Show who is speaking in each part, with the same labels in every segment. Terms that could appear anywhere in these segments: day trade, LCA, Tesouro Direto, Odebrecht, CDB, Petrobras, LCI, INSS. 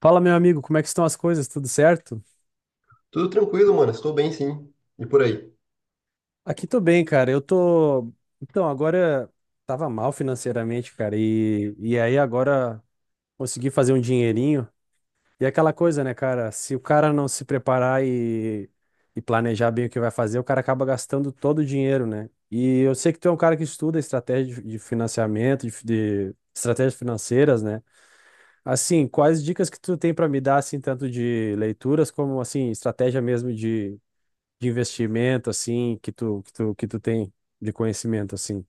Speaker 1: Fala, meu amigo, como é que estão as coisas? Tudo certo?
Speaker 2: Tudo tranquilo, mano. Estou bem, sim. E por aí.
Speaker 1: Aqui tô bem, cara. Eu tô. Então, agora tava mal financeiramente, cara, e aí agora consegui fazer um dinheirinho. E é aquela coisa, né, cara? Se o cara não se preparar e planejar bem o que vai fazer, o cara acaba gastando todo o dinheiro, né? E eu sei que tu é um cara que estuda estratégia de financiamento, de estratégias financeiras, né? Assim, quais dicas que tu tem pra me dar, assim, tanto de leituras como, assim, estratégia mesmo de investimento, assim, que tu tem de conhecimento, assim?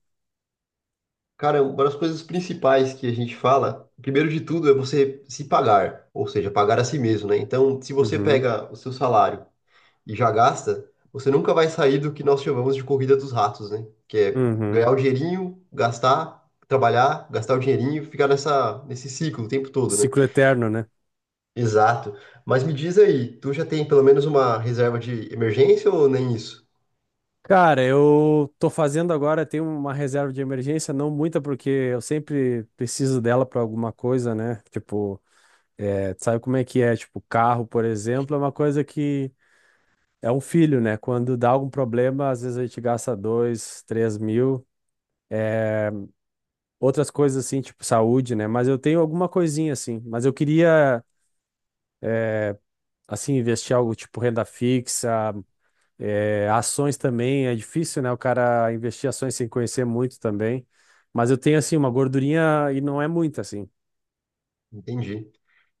Speaker 2: Cara, uma das coisas principais que a gente fala, primeiro de tudo, é você se pagar, ou seja, pagar a si mesmo, né? Então, se você
Speaker 1: Uhum,
Speaker 2: pega o seu salário e já gasta, você nunca vai sair do que nós chamamos de corrida dos ratos, né? Que é ganhar
Speaker 1: uhum.
Speaker 2: o dinheirinho, gastar, trabalhar, gastar o dinheirinho, ficar nessa, nesse ciclo o tempo todo, né?
Speaker 1: Ciclo eterno, né?
Speaker 2: Exato. Mas me diz aí, tu já tem pelo menos uma reserva de emergência ou nem isso?
Speaker 1: Cara, eu tô fazendo agora, tenho uma reserva de emergência, não muita, porque eu sempre preciso dela pra alguma coisa, né? Tipo, é, tu sabe como é que é? Tipo, carro, por exemplo, é uma coisa que é um filho, né? Quando dá algum problema, às vezes a gente gasta dois, 3 mil. Outras coisas assim, tipo saúde, né? Mas eu tenho alguma coisinha assim. Mas eu queria assim, investir algo tipo renda fixa, ações também, é difícil, né? O cara investir ações sem conhecer muito também. Mas eu tenho, assim, uma gordurinha e não é muita, assim.
Speaker 2: Entendi.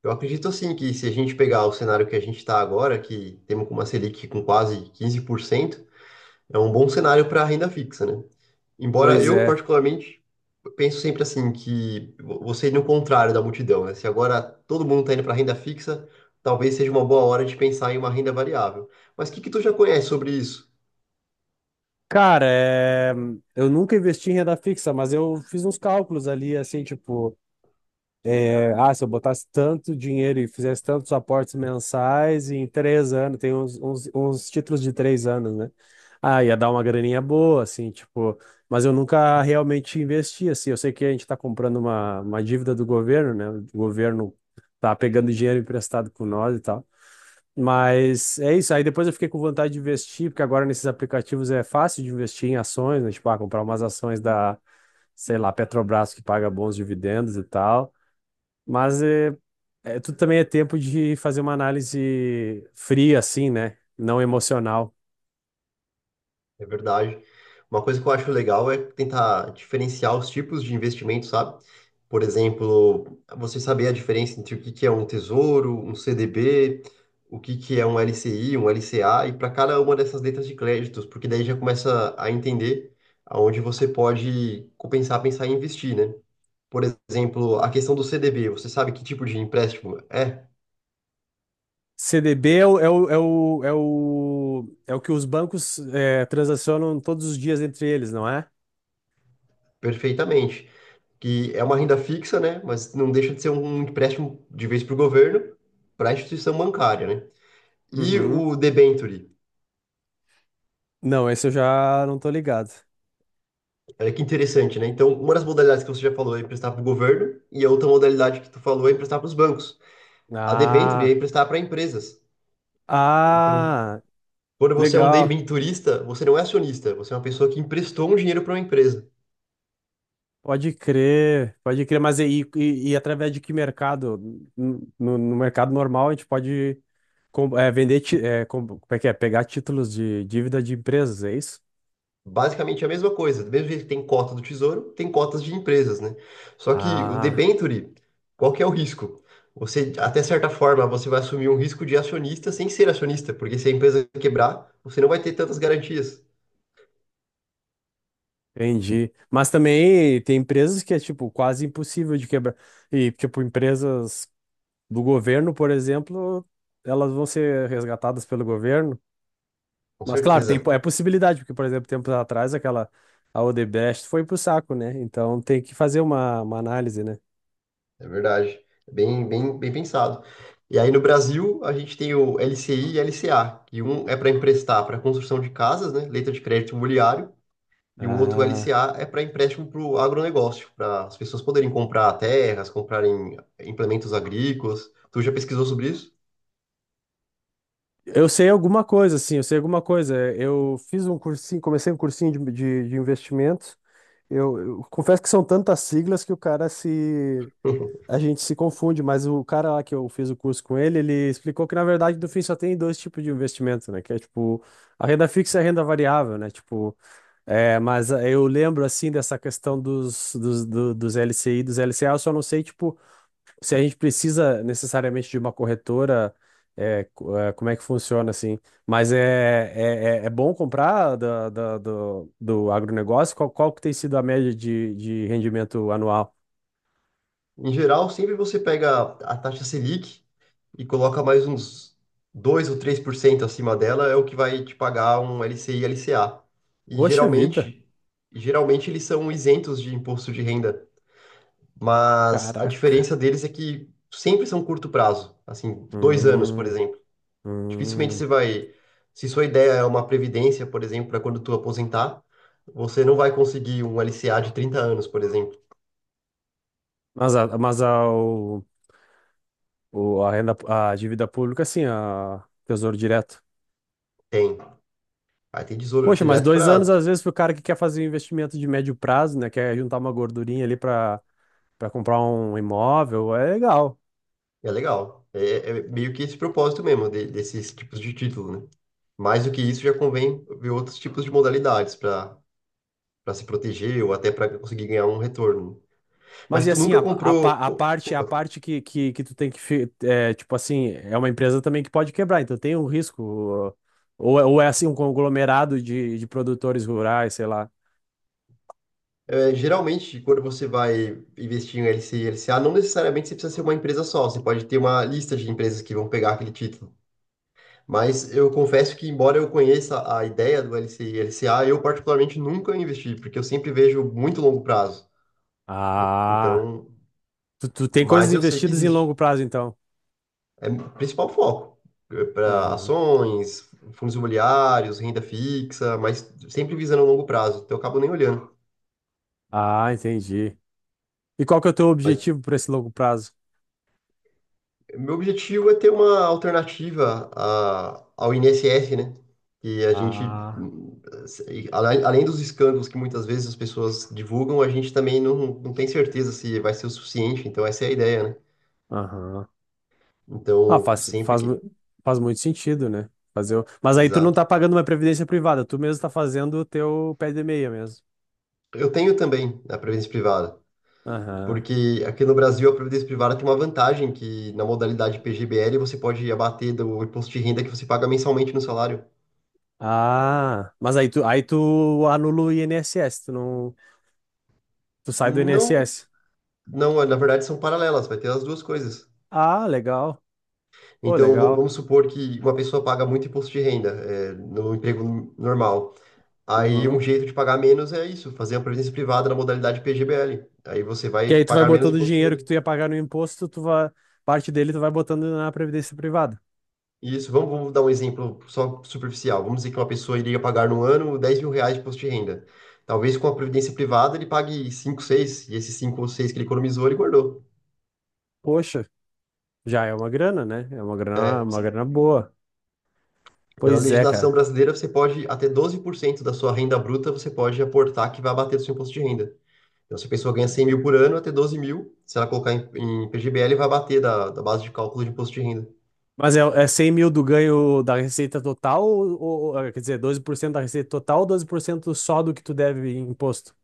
Speaker 2: Eu acredito assim que se a gente pegar o cenário que a gente está agora, que temos com uma Selic com quase 15%, é um bom cenário para renda fixa, né? Embora
Speaker 1: Pois
Speaker 2: eu,
Speaker 1: é.
Speaker 2: particularmente, penso sempre assim que você ir no contrário da multidão, né? Se agora todo mundo está indo para renda fixa, talvez seja uma boa hora de pensar em uma renda variável. Mas o que que tu já conhece sobre isso?
Speaker 1: Cara, eu nunca investi em renda fixa, mas eu fiz uns cálculos ali, assim, tipo. É, ah, se eu botasse tanto dinheiro e fizesse tantos aportes mensais em 3 anos, tem uns títulos de 3 anos, né? Ah, ia dar uma graninha boa, assim, tipo, mas eu nunca realmente investi, assim. Eu sei que a gente está comprando uma dívida do governo, né? O governo tá pegando dinheiro emprestado com nós e tal. Mas é isso. Aí depois eu fiquei com vontade de investir, porque agora nesses aplicativos é fácil de investir em ações, né? Tipo, ah, comprar umas ações da, sei lá, Petrobras que paga bons dividendos e tal. Mas é, tudo também é tempo de fazer uma análise fria, assim, né? Não emocional.
Speaker 2: É verdade. Uma coisa que eu acho legal é tentar diferenciar os tipos de investimento, sabe? Por exemplo, você saber a diferença entre o que que é um tesouro, um CDB, o que que é um LCI, um LCA, e para cada uma dessas letras de créditos, porque daí já começa a entender aonde você pode compensar, pensar em investir, né? Por exemplo, a questão do CDB, você sabe que tipo de empréstimo é?
Speaker 1: CDB é o que os bancos transacionam todos os dias entre eles, não é?
Speaker 2: Perfeitamente, que é uma renda fixa, né? Mas não deixa de ser um empréstimo de vez para o governo, para a instituição bancária, né? E
Speaker 1: Uhum.
Speaker 2: o debenture,
Speaker 1: Não, esse eu já não tô ligado.
Speaker 2: olha que interessante, né? Então, uma das modalidades que você já falou é emprestar para o governo, e a outra modalidade que tu falou é emprestar para os bancos. A debenture é
Speaker 1: Ah,
Speaker 2: emprestar para empresas. Então,
Speaker 1: ah,
Speaker 2: quando você é um
Speaker 1: legal.
Speaker 2: debenturista, você não é acionista, você é uma pessoa que emprestou um dinheiro para uma empresa.
Speaker 1: Pode crer, pode crer. Mas e através de que mercado? No, no mercado normal, a gente pode vender, como é que é? Pegar títulos de dívida de empresas, é isso?
Speaker 2: Basicamente é a mesma coisa. Do mesmo jeito que tem cota do Tesouro, tem cotas de empresas, né? Só que o
Speaker 1: Ah,
Speaker 2: debenture, qual que é o risco? Você, até certa forma, você vai assumir um risco de acionista sem ser acionista, porque se a empresa quebrar, você não vai ter tantas garantias.
Speaker 1: entendi. Mas também tem empresas que é, tipo, quase impossível de quebrar. E, tipo, empresas do governo, por exemplo, elas vão ser resgatadas pelo governo.
Speaker 2: Com
Speaker 1: Mas, claro, tem,
Speaker 2: certeza,
Speaker 1: é possibilidade, porque, por exemplo, tempos atrás, aquela, a Odebrecht foi pro saco, né? Então tem que fazer uma análise, né?
Speaker 2: é verdade. É. Bem, bem, bem pensado. E aí no Brasil, a gente tem o LCI e LCA, que um é para emprestar para construção de casas, né? Letra de crédito imobiliário. E o outro
Speaker 1: Ah,
Speaker 2: LCA é para empréstimo para o agronegócio, para as pessoas poderem comprar terras, comprarem implementos agrícolas. Tu já pesquisou sobre isso?
Speaker 1: eu sei alguma coisa, sim, eu sei alguma coisa. Eu fiz um cursinho, comecei um cursinho de investimentos. Eu confesso que são tantas siglas que o cara se, a gente se confunde, mas o cara lá que eu fiz o curso com ele, ele explicou que, na verdade, no fim só tem dois tipos de investimento, né? Que é, tipo, a renda fixa e a renda variável, né? Tipo, é, mas eu lembro, assim, dessa questão dos LCI, dos LCA, eu só não sei, tipo, se a gente precisa necessariamente de uma corretora, como é que funciona, assim. Mas é bom comprar do agronegócio? Qual que tem sido a média de rendimento anual?
Speaker 2: Em geral, sempre você pega a taxa Selic e coloca mais uns 2 ou 3% acima dela, é o que vai te pagar um LCI e LCA. E
Speaker 1: Poxa vida!
Speaker 2: geralmente, eles são isentos de imposto de renda, mas a
Speaker 1: Caraca.
Speaker 2: diferença deles é que sempre são curto prazo, assim, 2 anos, por
Speaker 1: Hum,
Speaker 2: exemplo. Dificilmente
Speaker 1: hum.
Speaker 2: você vai. Se sua ideia é uma previdência, por exemplo, para quando tu aposentar, você não vai conseguir um LCA de 30 anos, por exemplo.
Speaker 1: Mas a, o- a renda, a dívida pública, sim, a Tesouro Direto.
Speaker 2: Tem. Aí tem tesouro
Speaker 1: Poxa, mas
Speaker 2: direto
Speaker 1: 2 anos,
Speaker 2: para.
Speaker 1: às vezes, para o cara que quer fazer um investimento de médio prazo, né? Quer juntar uma gordurinha ali para comprar um imóvel, é legal.
Speaker 2: É legal. É, é meio que esse propósito mesmo desses tipos de título, né? Mais do que isso, já convém ver outros tipos de modalidades para se proteger ou até para conseguir ganhar um retorno. Mas
Speaker 1: Mas e
Speaker 2: tu
Speaker 1: assim,
Speaker 2: nunca comprou.
Speaker 1: a parte
Speaker 2: Desculpa.
Speaker 1: que, tu tem que, tipo assim, é uma empresa também que pode quebrar, então tem um risco. Ou, ou é assim, um conglomerado de produtores rurais, sei lá.
Speaker 2: É, geralmente, quando você vai investir em LC e LCA, não necessariamente você precisa ser uma empresa só, você pode ter uma lista de empresas que vão pegar aquele título. Mas eu confesso que, embora eu conheça a ideia do LC e LCA, eu particularmente nunca investi, porque eu sempre vejo muito longo prazo.
Speaker 1: Ah.
Speaker 2: Então,
Speaker 1: Tu tem coisas
Speaker 2: mas eu sei que
Speaker 1: investidas em
Speaker 2: existe.
Speaker 1: longo prazo, então.
Speaker 2: É o principal foco para
Speaker 1: Aham.
Speaker 2: ações, fundos imobiliários, renda fixa, mas sempre visando a longo prazo. Então, eu acabo nem olhando.
Speaker 1: Ah, entendi. E qual que é o teu
Speaker 2: Mas
Speaker 1: objetivo para esse longo prazo?
Speaker 2: meu objetivo é ter uma alternativa ao INSS, né? E a gente,
Speaker 1: Ah,
Speaker 2: além dos escândalos que muitas vezes as pessoas divulgam, a gente também não, não tem certeza se vai ser o suficiente. Então, essa é a ideia, né?
Speaker 1: aham. Ah,
Speaker 2: Então, sempre que.
Speaker 1: faz muito sentido, né? Fazer o... Mas aí tu não
Speaker 2: Exato.
Speaker 1: tá pagando uma previdência privada, tu mesmo tá fazendo o teu pé de meia mesmo.
Speaker 2: Eu tenho também a previdência privada,
Speaker 1: Aham.
Speaker 2: porque aqui no Brasil a previdência privada tem uma vantagem que na modalidade PGBL você pode abater do imposto de renda que você paga mensalmente no salário.
Speaker 1: Ah, mas aí tu anula o INSS, tu não, tu sai do INSS.
Speaker 2: Não, não, na verdade são paralelas, vai ter as duas coisas.
Speaker 1: Ah, legal. Pô,
Speaker 2: Então, va-
Speaker 1: legal.
Speaker 2: vamos supor que uma pessoa paga muito imposto de renda, é, no emprego normal. Aí, um
Speaker 1: Uhum.
Speaker 2: jeito de pagar menos é isso, fazer uma previdência privada na modalidade PGBL. Aí você vai
Speaker 1: Que aí tu vai
Speaker 2: pagar menos
Speaker 1: botando o
Speaker 2: imposto de
Speaker 1: dinheiro que
Speaker 2: renda.
Speaker 1: tu ia pagar no imposto, tu vai, parte dele tu vai botando na previdência privada.
Speaker 2: Isso, vamos dar um exemplo só superficial. Vamos dizer que uma pessoa iria pagar no ano R$ 10.000 de imposto de renda. Talvez com a previdência privada ele pague 5, 6 e esses 5 ou 6 que ele economizou, ele guardou.
Speaker 1: Poxa, já é uma grana, né? É uma grana boa.
Speaker 2: Pela
Speaker 1: Pois é,
Speaker 2: legislação
Speaker 1: cara.
Speaker 2: brasileira, você pode, até 12% da sua renda bruta, você pode aportar que vai abater do seu imposto de renda. Então, se a pessoa ganha 100 mil por ano, vai ter 12 mil. Se ela colocar em, PGBL, vai bater da base de cálculo de imposto de renda.
Speaker 1: Mas é 100 mil do ganho da receita total, ou, quer dizer, 12% da receita total ou 12% só do que tu deve em imposto?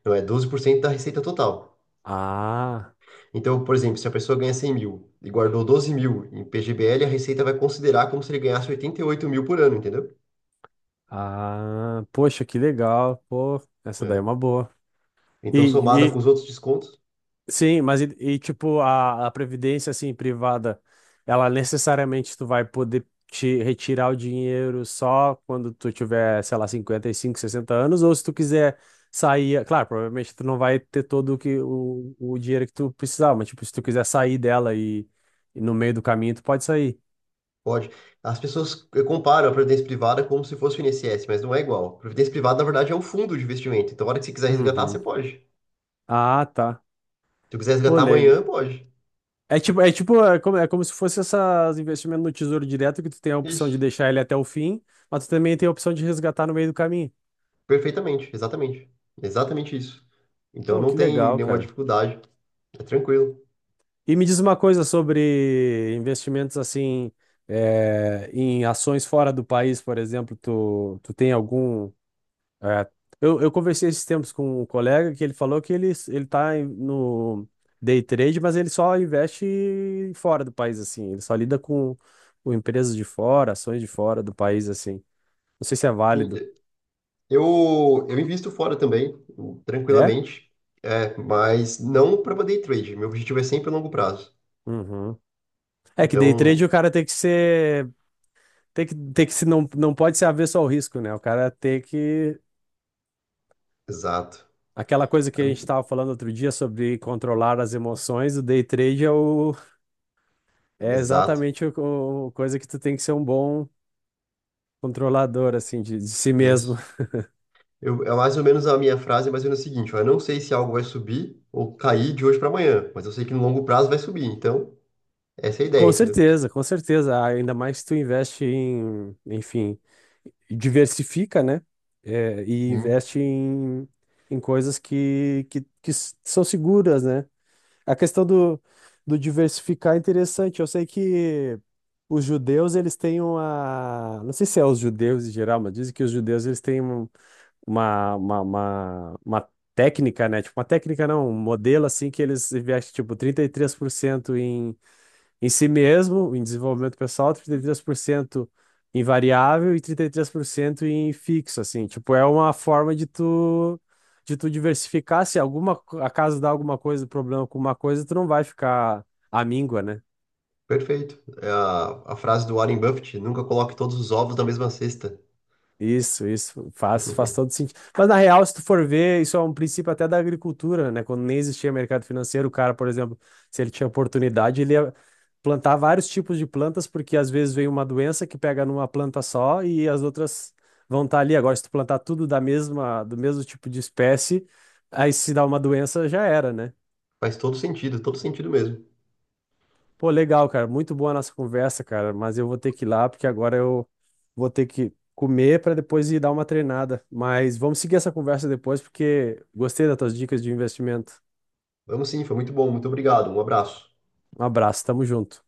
Speaker 2: Então, é 12% da receita total.
Speaker 1: Ah,
Speaker 2: Então, por exemplo, se a pessoa ganha 100 mil e guardou 12 mil em PGBL, a receita vai considerar como se ele ganhasse 88 mil por ano, entendeu?
Speaker 1: ah, poxa, que legal. Pô, essa daí é
Speaker 2: É.
Speaker 1: uma boa.
Speaker 2: Então, somada
Speaker 1: E,
Speaker 2: com os outros descontos,
Speaker 1: Sim, mas tipo, a previdência assim privada, ela necessariamente tu vai poder te retirar o dinheiro só quando tu tiver, sei lá, 55 60 anos, ou se tu quiser sair, claro, provavelmente tu não vai ter todo o dinheiro que tu precisava, mas tipo, se tu quiser sair dela e no meio do caminho tu pode sair.
Speaker 2: pode. As pessoas comparam a previdência privada como se fosse o INSS, mas não é igual. A previdência privada, na verdade, é um fundo de investimento. Então, a hora que você quiser resgatar, você
Speaker 1: Uhum.
Speaker 2: pode. Se
Speaker 1: Ah, tá.
Speaker 2: eu quiser
Speaker 1: Pô,
Speaker 2: resgatar
Speaker 1: le-
Speaker 2: amanhã, pode.
Speaker 1: É tipo, é como, se fosse esses investimentos no Tesouro Direto que tu tem a opção de
Speaker 2: Isso.
Speaker 1: deixar ele até o fim, mas tu também tem a opção de resgatar no meio do caminho.
Speaker 2: Perfeitamente, exatamente. Exatamente isso. Então
Speaker 1: Pô,
Speaker 2: não
Speaker 1: que
Speaker 2: tem
Speaker 1: legal,
Speaker 2: nenhuma
Speaker 1: cara.
Speaker 2: dificuldade, é tranquilo.
Speaker 1: E me diz uma coisa sobre investimentos assim, é, em ações fora do país, por exemplo, tu tem algum. É, eu conversei esses tempos com um colega que ele falou que ele tá no day trade, mas ele só investe fora do país, assim, ele só lida com empresas de fora, ações de fora do país, assim. Não sei se é válido.
Speaker 2: E eu invisto fora também,
Speaker 1: É?
Speaker 2: tranquilamente, é, mas não para day trade. Meu objetivo é sempre a longo prazo.
Speaker 1: Uhum. É que day
Speaker 2: Então,
Speaker 1: trade o cara tem que ser. Tem que se não, não pode ser avesso ao risco, né? O cara tem que.
Speaker 2: exato.
Speaker 1: Aquela coisa que
Speaker 2: A
Speaker 1: a gente
Speaker 2: mi-
Speaker 1: estava falando outro dia sobre controlar as emoções, o day trade é, o, é
Speaker 2: Exato,
Speaker 1: exatamente o, coisa que tu tem que ser um bom controlador, assim, de si mesmo.
Speaker 2: isso. Eu, é mais ou menos a minha frase, mas é o seguinte, ó, eu não sei se algo vai subir ou cair de hoje para amanhã, mas eu sei que no longo prazo vai subir. Então, essa é a ideia,
Speaker 1: Com
Speaker 2: entendeu?
Speaker 1: certeza, com certeza. Ah, ainda mais se tu investe em, enfim, diversifica, né? É, e investe em, em coisas que, que são seguras, né? A questão do diversificar é interessante. Eu sei que os judeus, eles têm uma... Não sei se é os judeus em geral, mas dizem que os judeus, eles têm uma, uma técnica, né? Tipo, uma técnica não, um modelo assim que eles investem, tipo, 33% em si mesmo, em desenvolvimento pessoal, 33% em variável e 33% em fixo, assim. Tipo, é uma forma de tu diversificar, se acaso dá alguma coisa, problema com uma coisa, tu não vai ficar amíngua, né?
Speaker 2: Perfeito. É a frase do Warren Buffett, nunca coloque todos os ovos na mesma cesta.
Speaker 1: Isso faz todo sentido. Mas na real, se tu for ver, isso é um princípio até da agricultura, né? Quando nem existia mercado financeiro, o cara, por exemplo, se ele tinha oportunidade, ele ia plantar vários tipos de plantas, porque às vezes vem uma doença que pega numa planta só e as outras vão estar ali. Agora, se tu plantar tudo do mesmo tipo de espécie, aí se dá uma doença, já era, né?
Speaker 2: Faz todo sentido mesmo.
Speaker 1: Pô, legal, cara. Muito boa a nossa conversa, cara. Mas eu vou ter que ir lá, porque agora eu vou ter que comer para depois ir dar uma treinada. Mas vamos seguir essa conversa depois, porque gostei das tuas dicas de investimento.
Speaker 2: Vamos sim, foi muito bom, muito obrigado. Um abraço.
Speaker 1: Um abraço, tamo junto.